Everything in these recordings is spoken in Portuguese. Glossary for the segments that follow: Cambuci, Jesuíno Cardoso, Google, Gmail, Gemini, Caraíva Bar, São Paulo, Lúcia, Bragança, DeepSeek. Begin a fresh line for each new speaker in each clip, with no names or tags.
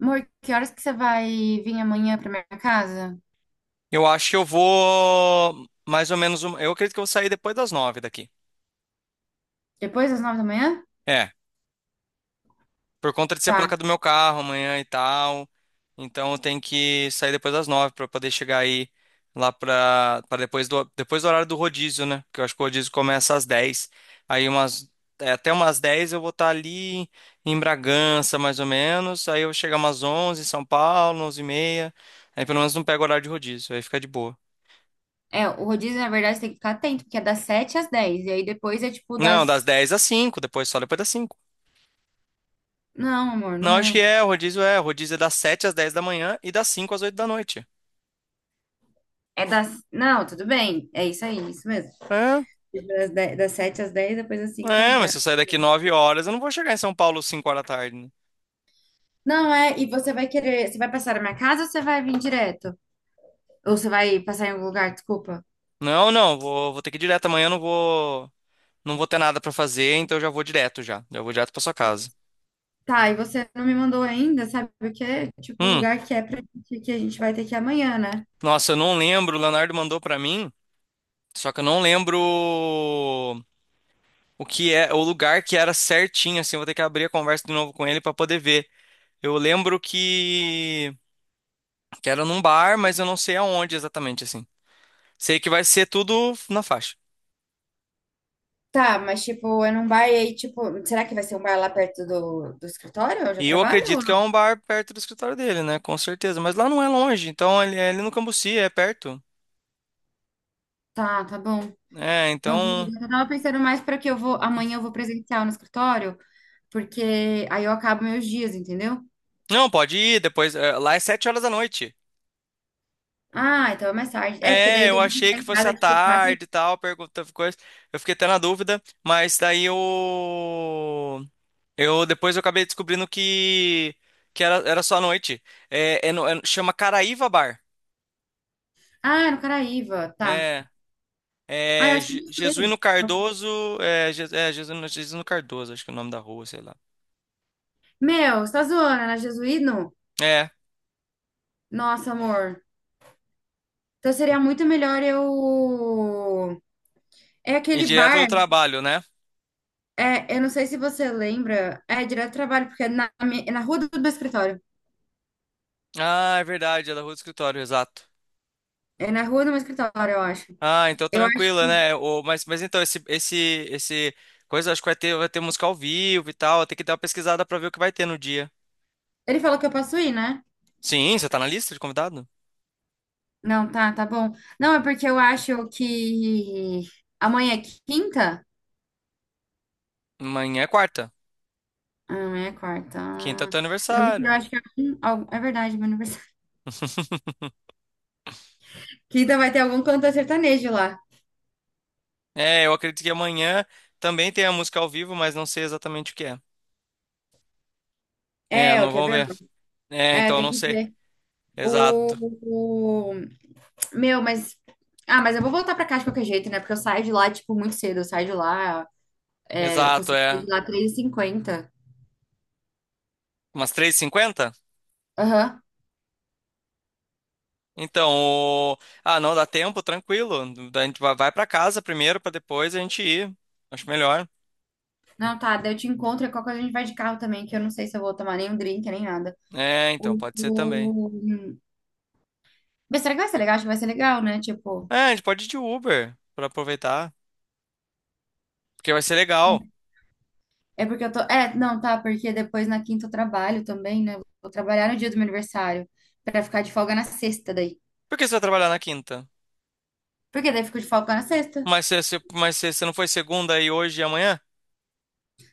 Amor, que horas que você vai vir amanhã pra minha casa?
Eu acho que eu vou mais ou menos. Eu acredito que eu vou sair depois das 9 daqui.
Depois das 9 da manhã?
É, por conta de ser placa
Tá.
do meu carro amanhã e tal. Então eu tenho que sair depois das 9 para poder chegar aí lá para depois do horário do rodízio, né? Porque eu acho que o rodízio começa às 10. Aí até umas 10 eu vou estar ali em Bragança mais ou menos. Aí eu vou chegar umas 11 em São Paulo, 11:30. Aí pelo menos não pego o horário de rodízio. Aí fica de boa.
É, o rodízio, na verdade, você tem que ficar atento, porque é das 7 às 10. E aí depois é tipo
Não, das
das.
10 às 5. Depois só depois das 5.
Não, amor, não
Não, acho que
é.
é, o rodízio é. O rodízio é das 7 às 10 da manhã e das 5 às 8 da noite.
É das. Não, tudo bem. É isso aí, isso mesmo.
É,
Tipo, das sete às dez, depois das cinco às
é, mas
dez.
se eu sair daqui 9h, eu não vou chegar em São Paulo 5h da tarde, né?
Não, é. E você vai querer. Você vai passar na minha casa ou você vai vir direto? Ou você vai passar em algum lugar, desculpa.
Não, não, vou ter que ir direto amanhã, eu não vou ter nada pra fazer, então eu já vou direto já. Já vou direto pra sua casa.
Tá, e você não me mandou ainda, sabe? Porque, tipo, o
Hum,
lugar que é pra gente, que a gente vai ter que ir amanhã, né?
Nossa, eu não lembro, o Leonardo mandou pra mim, só que eu não lembro o lugar que era certinho, assim, eu vou ter que abrir a conversa de novo com ele pra poder ver. Eu lembro que era num bar, mas eu não sei aonde exatamente, assim. Sei que vai ser tudo na faixa.
Tá, mas tipo, é num bar aí, tipo, será que vai ser um bar lá perto do escritório onde eu
E eu
trabalho? Ou
acredito que é
não?
um bar perto do escritório dele, né? Com certeza. Mas lá não é longe, então ele é ali no Cambuci, é perto.
Tá, tá bom.
É,
Não,
então.
beleza. Eu tava pensando mais para que eu vou, amanhã eu vou presencial no escritório, porque aí eu acabo meus dias, entendeu?
Não, pode ir depois. Lá é 7h da noite.
Ah, então é mais tarde. É, porque daí
É,
eu
eu
devo
achei
chegar
que
em
fosse à
casa, tipo, quatro.
tarde e tal, pergunta coisa. Eu fiquei até na dúvida, mas daí eu. Depois eu acabei descobrindo que. Que era só à noite. É, chama Caraíva Bar.
Ah, no Caraíva, tá.
É,
Ah, eu
É,
acho que eu não
Jesuíno
sei.
Cardoso, Jesuíno Cardoso, acho que é o nome da rua, sei lá.
Meu, você tá zoando, é na Jesuíno?
É,
Nossa, amor. Então seria muito melhor eu. É
e
aquele
direto do
bar.
trabalho, né?
É, eu não sei se você lembra, é direto do trabalho, porque é na rua do meu escritório.
Ah, é verdade, é da rua do escritório, exato.
É na rua do meu escritório, eu acho.
Ah, então
Eu acho.
tranquila, né? O, mas então, esse coisa, acho que vai ter música ao vivo e tal, tem que dar uma pesquisada pra ver o que vai ter no dia.
Ele falou que eu posso ir, né?
Sim, você tá na lista de convidado?
Não, tá, tá bom. Não, é porque eu acho que amanhã é quinta?
Amanhã é quarta,
Ah, amanhã é quarta.
quinta é
Ah,
teu
deve que Eu
aniversário.
acho que é, um- al- é verdade, meu aniversário. Quinta vai ter algum canto sertanejo lá.
É, eu acredito que amanhã também tem a música ao vivo, mas não sei exatamente o que é. É,
É, ó,
não
quer
vão
ver?
ver. É,
É,
então
tem
não
que
sei.
ver. O,
Exato,
o- Meu, mas. Ah, mas eu vou voltar pra cá de qualquer jeito, né? Porque eu saio de lá, tipo, muito cedo. Eu saio de lá. É, eu
exato,
consigo sair
é.
de lá 3:50.
Umas 3:50.
Aham.
Então, o- ah, não, dá tempo, tranquilo. A gente vai pra casa primeiro, pra depois a gente ir. Acho melhor.
Não, tá, daí eu te encontro e qualquer coisa a gente vai de carro também, que eu não sei se eu vou tomar nenhum drink, nem nada.
É, então,
O...
pode ser também.
o- Mas será que vai ser legal? Acho que vai ser legal, né? Tipo,
É, a gente pode ir de Uber, pra aproveitar, porque vai ser legal.
é porque eu tô. É, não, tá, porque depois na quinta eu trabalho também, né? Vou trabalhar no dia do meu aniversário, pra ficar de folga na sexta daí.
Por que você vai trabalhar na quinta?
Porque daí eu fico de folga na sexta.
Mas se não foi segunda e hoje e amanhã?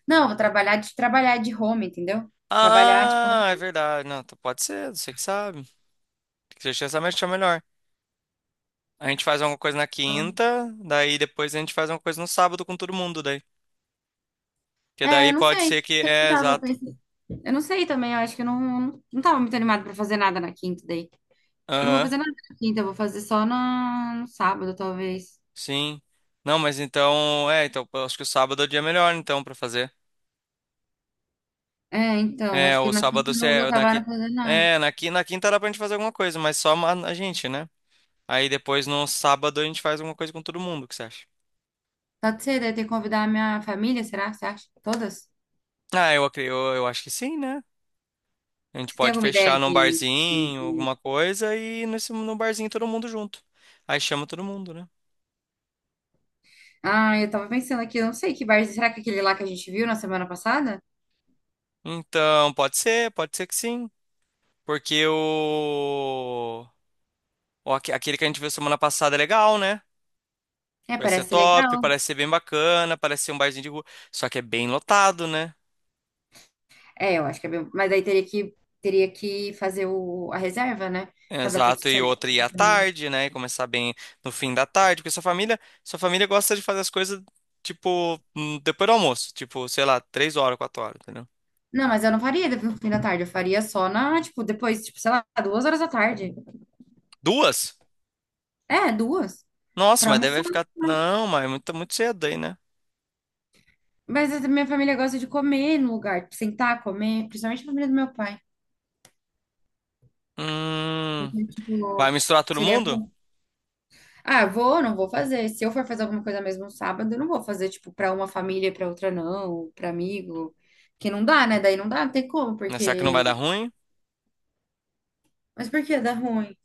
Não, eu vou trabalhar de home, entendeu? Trabalhar, tipo, na...
Ah, é verdade. Não, então pode ser, você que sabe. Você já sabe achar melhor. A gente faz alguma coisa na quinta, daí depois a gente faz alguma coisa no sábado com todo mundo, daí. Porque
É,
daí
eu não
pode
sei.
ser
Não
que.
sei se
É,
dava pra
exato.
pensar. Eu não sei também, eu acho que eu não, não tava muito animada pra fazer nada na quinta daí. Acho que eu não vou
Aham,
fazer nada na quinta, eu vou fazer só no sábado, talvez.
sim. Não, mas então. É, então eu acho que o sábado é o dia melhor, então, pra fazer.
É, então,
É,
acho que
o
na quinta
sábado
eu
você.
não vou
É, Na,
acabar
qui-
não fazendo nada.
é, na, qui- na quinta dá pra gente fazer alguma coisa, mas só a gente, né? Aí depois no sábado a gente faz alguma coisa com todo mundo, o que você acha?
Pode ser, daí ter que convidar a minha família, será? Você acha? Todas?
Ah, eu acho que sim, né? A gente
Você tem
pode
alguma ideia
fechar num
de...
barzinho,
de-
alguma coisa, e no barzinho todo mundo junto. Aí chama todo mundo, né?
Ah, eu tava pensando aqui, eu não sei que bar, será que é aquele lá que a gente viu na semana passada?
Então, pode ser que sim. Porque o. Ó, aquele que a gente viu semana passada é legal, né?
É,
Vai ser
parece ser
top,
legal.
parece ser bem bacana, parece ser um barzinho de rua. Só que é bem lotado, né?
É, eu acho que é bem... Mas daí teria que fazer a reserva, né? Pra dar tudo
Exato, e
certo.
outra ir à tarde, né? E começar bem no fim da tarde, porque sua família gosta de fazer as coisas, tipo, depois do almoço, tipo, sei lá, 3h, 4h, entendeu?
Não, mas eu não faria depois do fim da tarde. Eu faria só na, tipo, depois, tipo, sei lá, 2 horas da tarde.
Duas?
É, duas.
Nossa,
Pra
mas deve
almoçar.
ficar. Não, mas é muito, muito cedo aí, né?
Mas a minha família gosta de comer no lugar, tipo, sentar, comer, principalmente a família do meu pai.
Hum.
Então,
Vai
tipo,
misturar todo
seria
mundo?
bom. Ah, não vou fazer. Se eu for fazer alguma coisa mesmo no sábado, eu não vou fazer, tipo, pra uma família e pra outra não, pra amigo. Que não dá, né? Daí não dá, não tem como,
Né, será que não vai
porque.
dar ruim?
Mas por que dá ruim?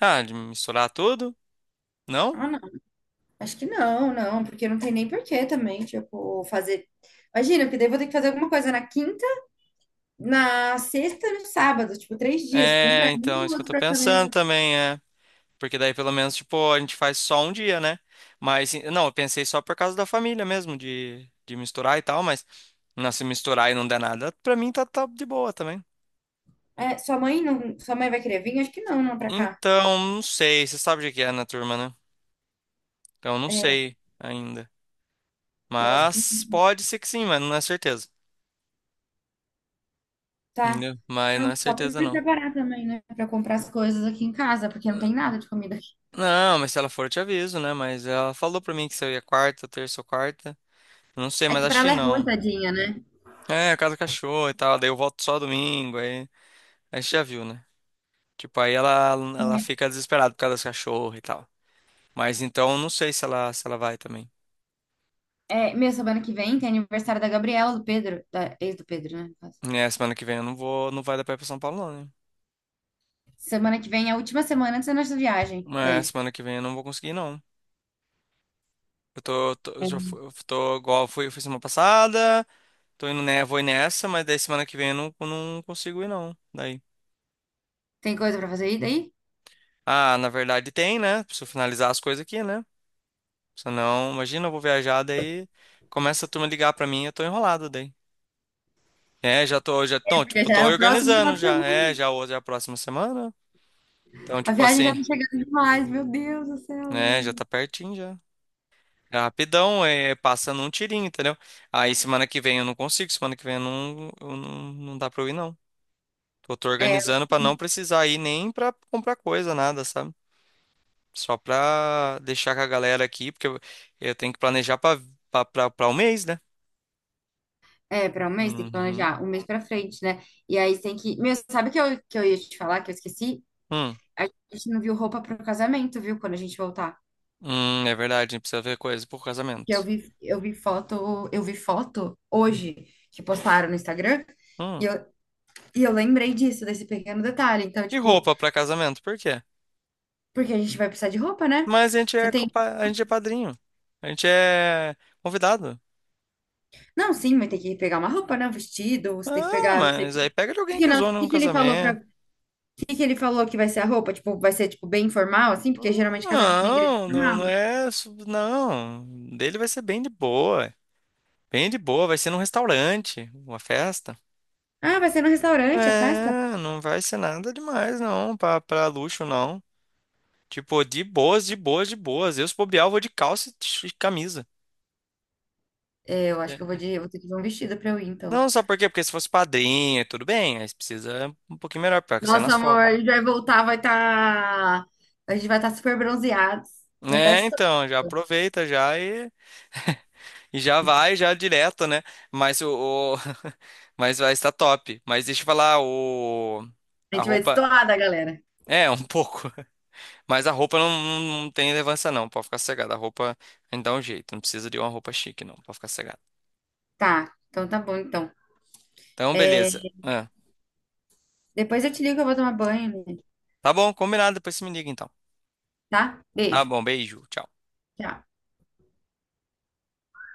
Ah, de misturar tudo? Não?
Ah, não. Acho que não, não, porque não tem nem porquê também, tipo, fazer. Imagina, porque daí eu vou ter que fazer alguma coisa na quinta, na sexta e no sábado, tipo, três dias, tipo, um
É,
pra mim
então, é
e o
isso que eu
outro
tô
pra
pensando
família.
também, é. Porque daí pelo menos, tipo, a gente faz só um dia, né? Mas, não, eu pensei só por causa da família mesmo, de misturar e tal, mas não, se misturar e não der nada, pra mim tá, tá de boa também.
É, sua mãe não, sua mãe vai querer vir? Acho que não, não pra cá.
Então, não sei, você sabe o que é na turma, né? Então, não
É,
sei ainda.
eu acho que
Mas
não.
pode ser que sim, mas não é certeza.
Tá.
Entendeu? Mas não
Não,
é
só pra me
certeza, não.
preparar também, né? Pra comprar as coisas aqui em casa, porque não tem nada de comida aqui.
Não, mas se ela for, eu te aviso, né? Mas ela falou pra mim que se eu ia quarta, terça ou quarta. Eu não sei,
É
mas
que pra
acho que
ela é ruim,
não.
tadinha, né?
É, casa do cachorro e tal. Daí eu volto só domingo. Aí a gente já viu, né? Tipo, aí ela fica desesperada por causa dos cachorros e tal. Mas então não sei se ela vai também.
É, meu, semana que vem tem aniversário da Gabriela, do Pedro, da ex do Pedro, né? No caso.
É, semana que vem eu não vou, não vai dar pra ir pra São Paulo, não, né?
Semana que vem é a última semana antes da nossa viagem,
Mas
daí.
semana que vem eu não vou conseguir, não. Eu tô igual eu fui semana passada, tô indo, né, vou ir nessa, mas daí semana que vem eu não consigo ir, não. Daí.
Tem coisa pra fazer aí daí?
Ah, na verdade tem, né? Preciso finalizar as coisas aqui, né? Senão, imagina, eu vou viajar, daí começa a turma ligar pra mim, eu tô enrolado daí. É, já tô, já,
É,
então,
porque
tipo,
já
tô
era o próximo final
organizando
de
já, é,
semana.
já hoje é a próxima semana, então,
A
tipo
viagem já
assim,
tá chegando demais, meu Deus do céu,
né, já
velho.
tá pertinho já, é rapidão, é, passando um tirinho, entendeu? Aí semana que vem eu não consigo, semana que vem eu não, não dá pra eu ir não. Eu tô organizando pra não precisar ir nem pra comprar coisa, nada, sabe? Só pra deixar com a galera aqui, porque eu tenho que planejar pra um mês, né?
É, pra um mês tem que
Uhum.
planejar, um mês pra frente, né? E aí tem que. Meu, sabe que eu ia te falar, que eu esqueci?
Hum,
A gente não viu roupa pro casamento, viu? Quando a gente voltar.
é verdade, a gente precisa ver coisa pro
Porque eu
casamento.
vi, eu vi foto, eu vi foto hoje que postaram no Instagram e
Hum.
eu, e eu lembrei disso, desse pequeno detalhe. Então,
E
tipo,
roupa pra casamento, por quê?
porque a gente vai precisar de roupa, né?
Mas a gente
Você
é,
tem.
copa- a gente é padrinho. A gente é convidado.
Não, sim, mas tem que pegar uma roupa, né? Um vestido, você tem que
Ah,
pegar, não sei o
mas
que.
aí pega de
E
alguém
que
que
não,
usou num
e que ele falou para,
casamento.
Que que ele falou que vai ser a roupa? Tipo, vai ser tipo bem formal assim, porque geralmente casamento na igreja é
Não, não,
formal,
não
né?
é. Não. Dele vai ser bem de boa. Bem de boa. Vai ser num restaurante, uma festa.
Ah, vai ser no restaurante a festa?
É, não vai ser nada demais, não. Pra luxo, não. Tipo, de boas, de boas, de boas. Eu, se bobear, eu vou de calça e e camisa.
É, eu acho que
É.
eu vou ter que ver um vestido pra eu ir então.
Não, sabe por quê? Porque se fosse padrinho, tudo bem. Aí precisa um pouquinho melhor, porque sai
Nossa,
nas
amor,
fotos.
a gente vai voltar, a gente vai estar super bronzeados, vai estar
É,
estourado.
então, já aproveita já e já vai já direto, né? Mas mas vai estar top. Mas deixa eu falar, o
A
a
gente vai
roupa
estourada, galera.
é um pouco, mas a roupa não, não, tem relevância não, pode ficar cegada. A roupa ainda dá um jeito, não precisa de uma roupa chique não, pode ficar cegada.
Tá, então tá bom então.
Então,
É,
beleza. Ah,
depois eu te ligo que eu vou tomar banho, né?
tá bom, combinado, depois você me liga então.
Tá?
Tá
Beijo.
bom, beijo, tchau.
Tchau.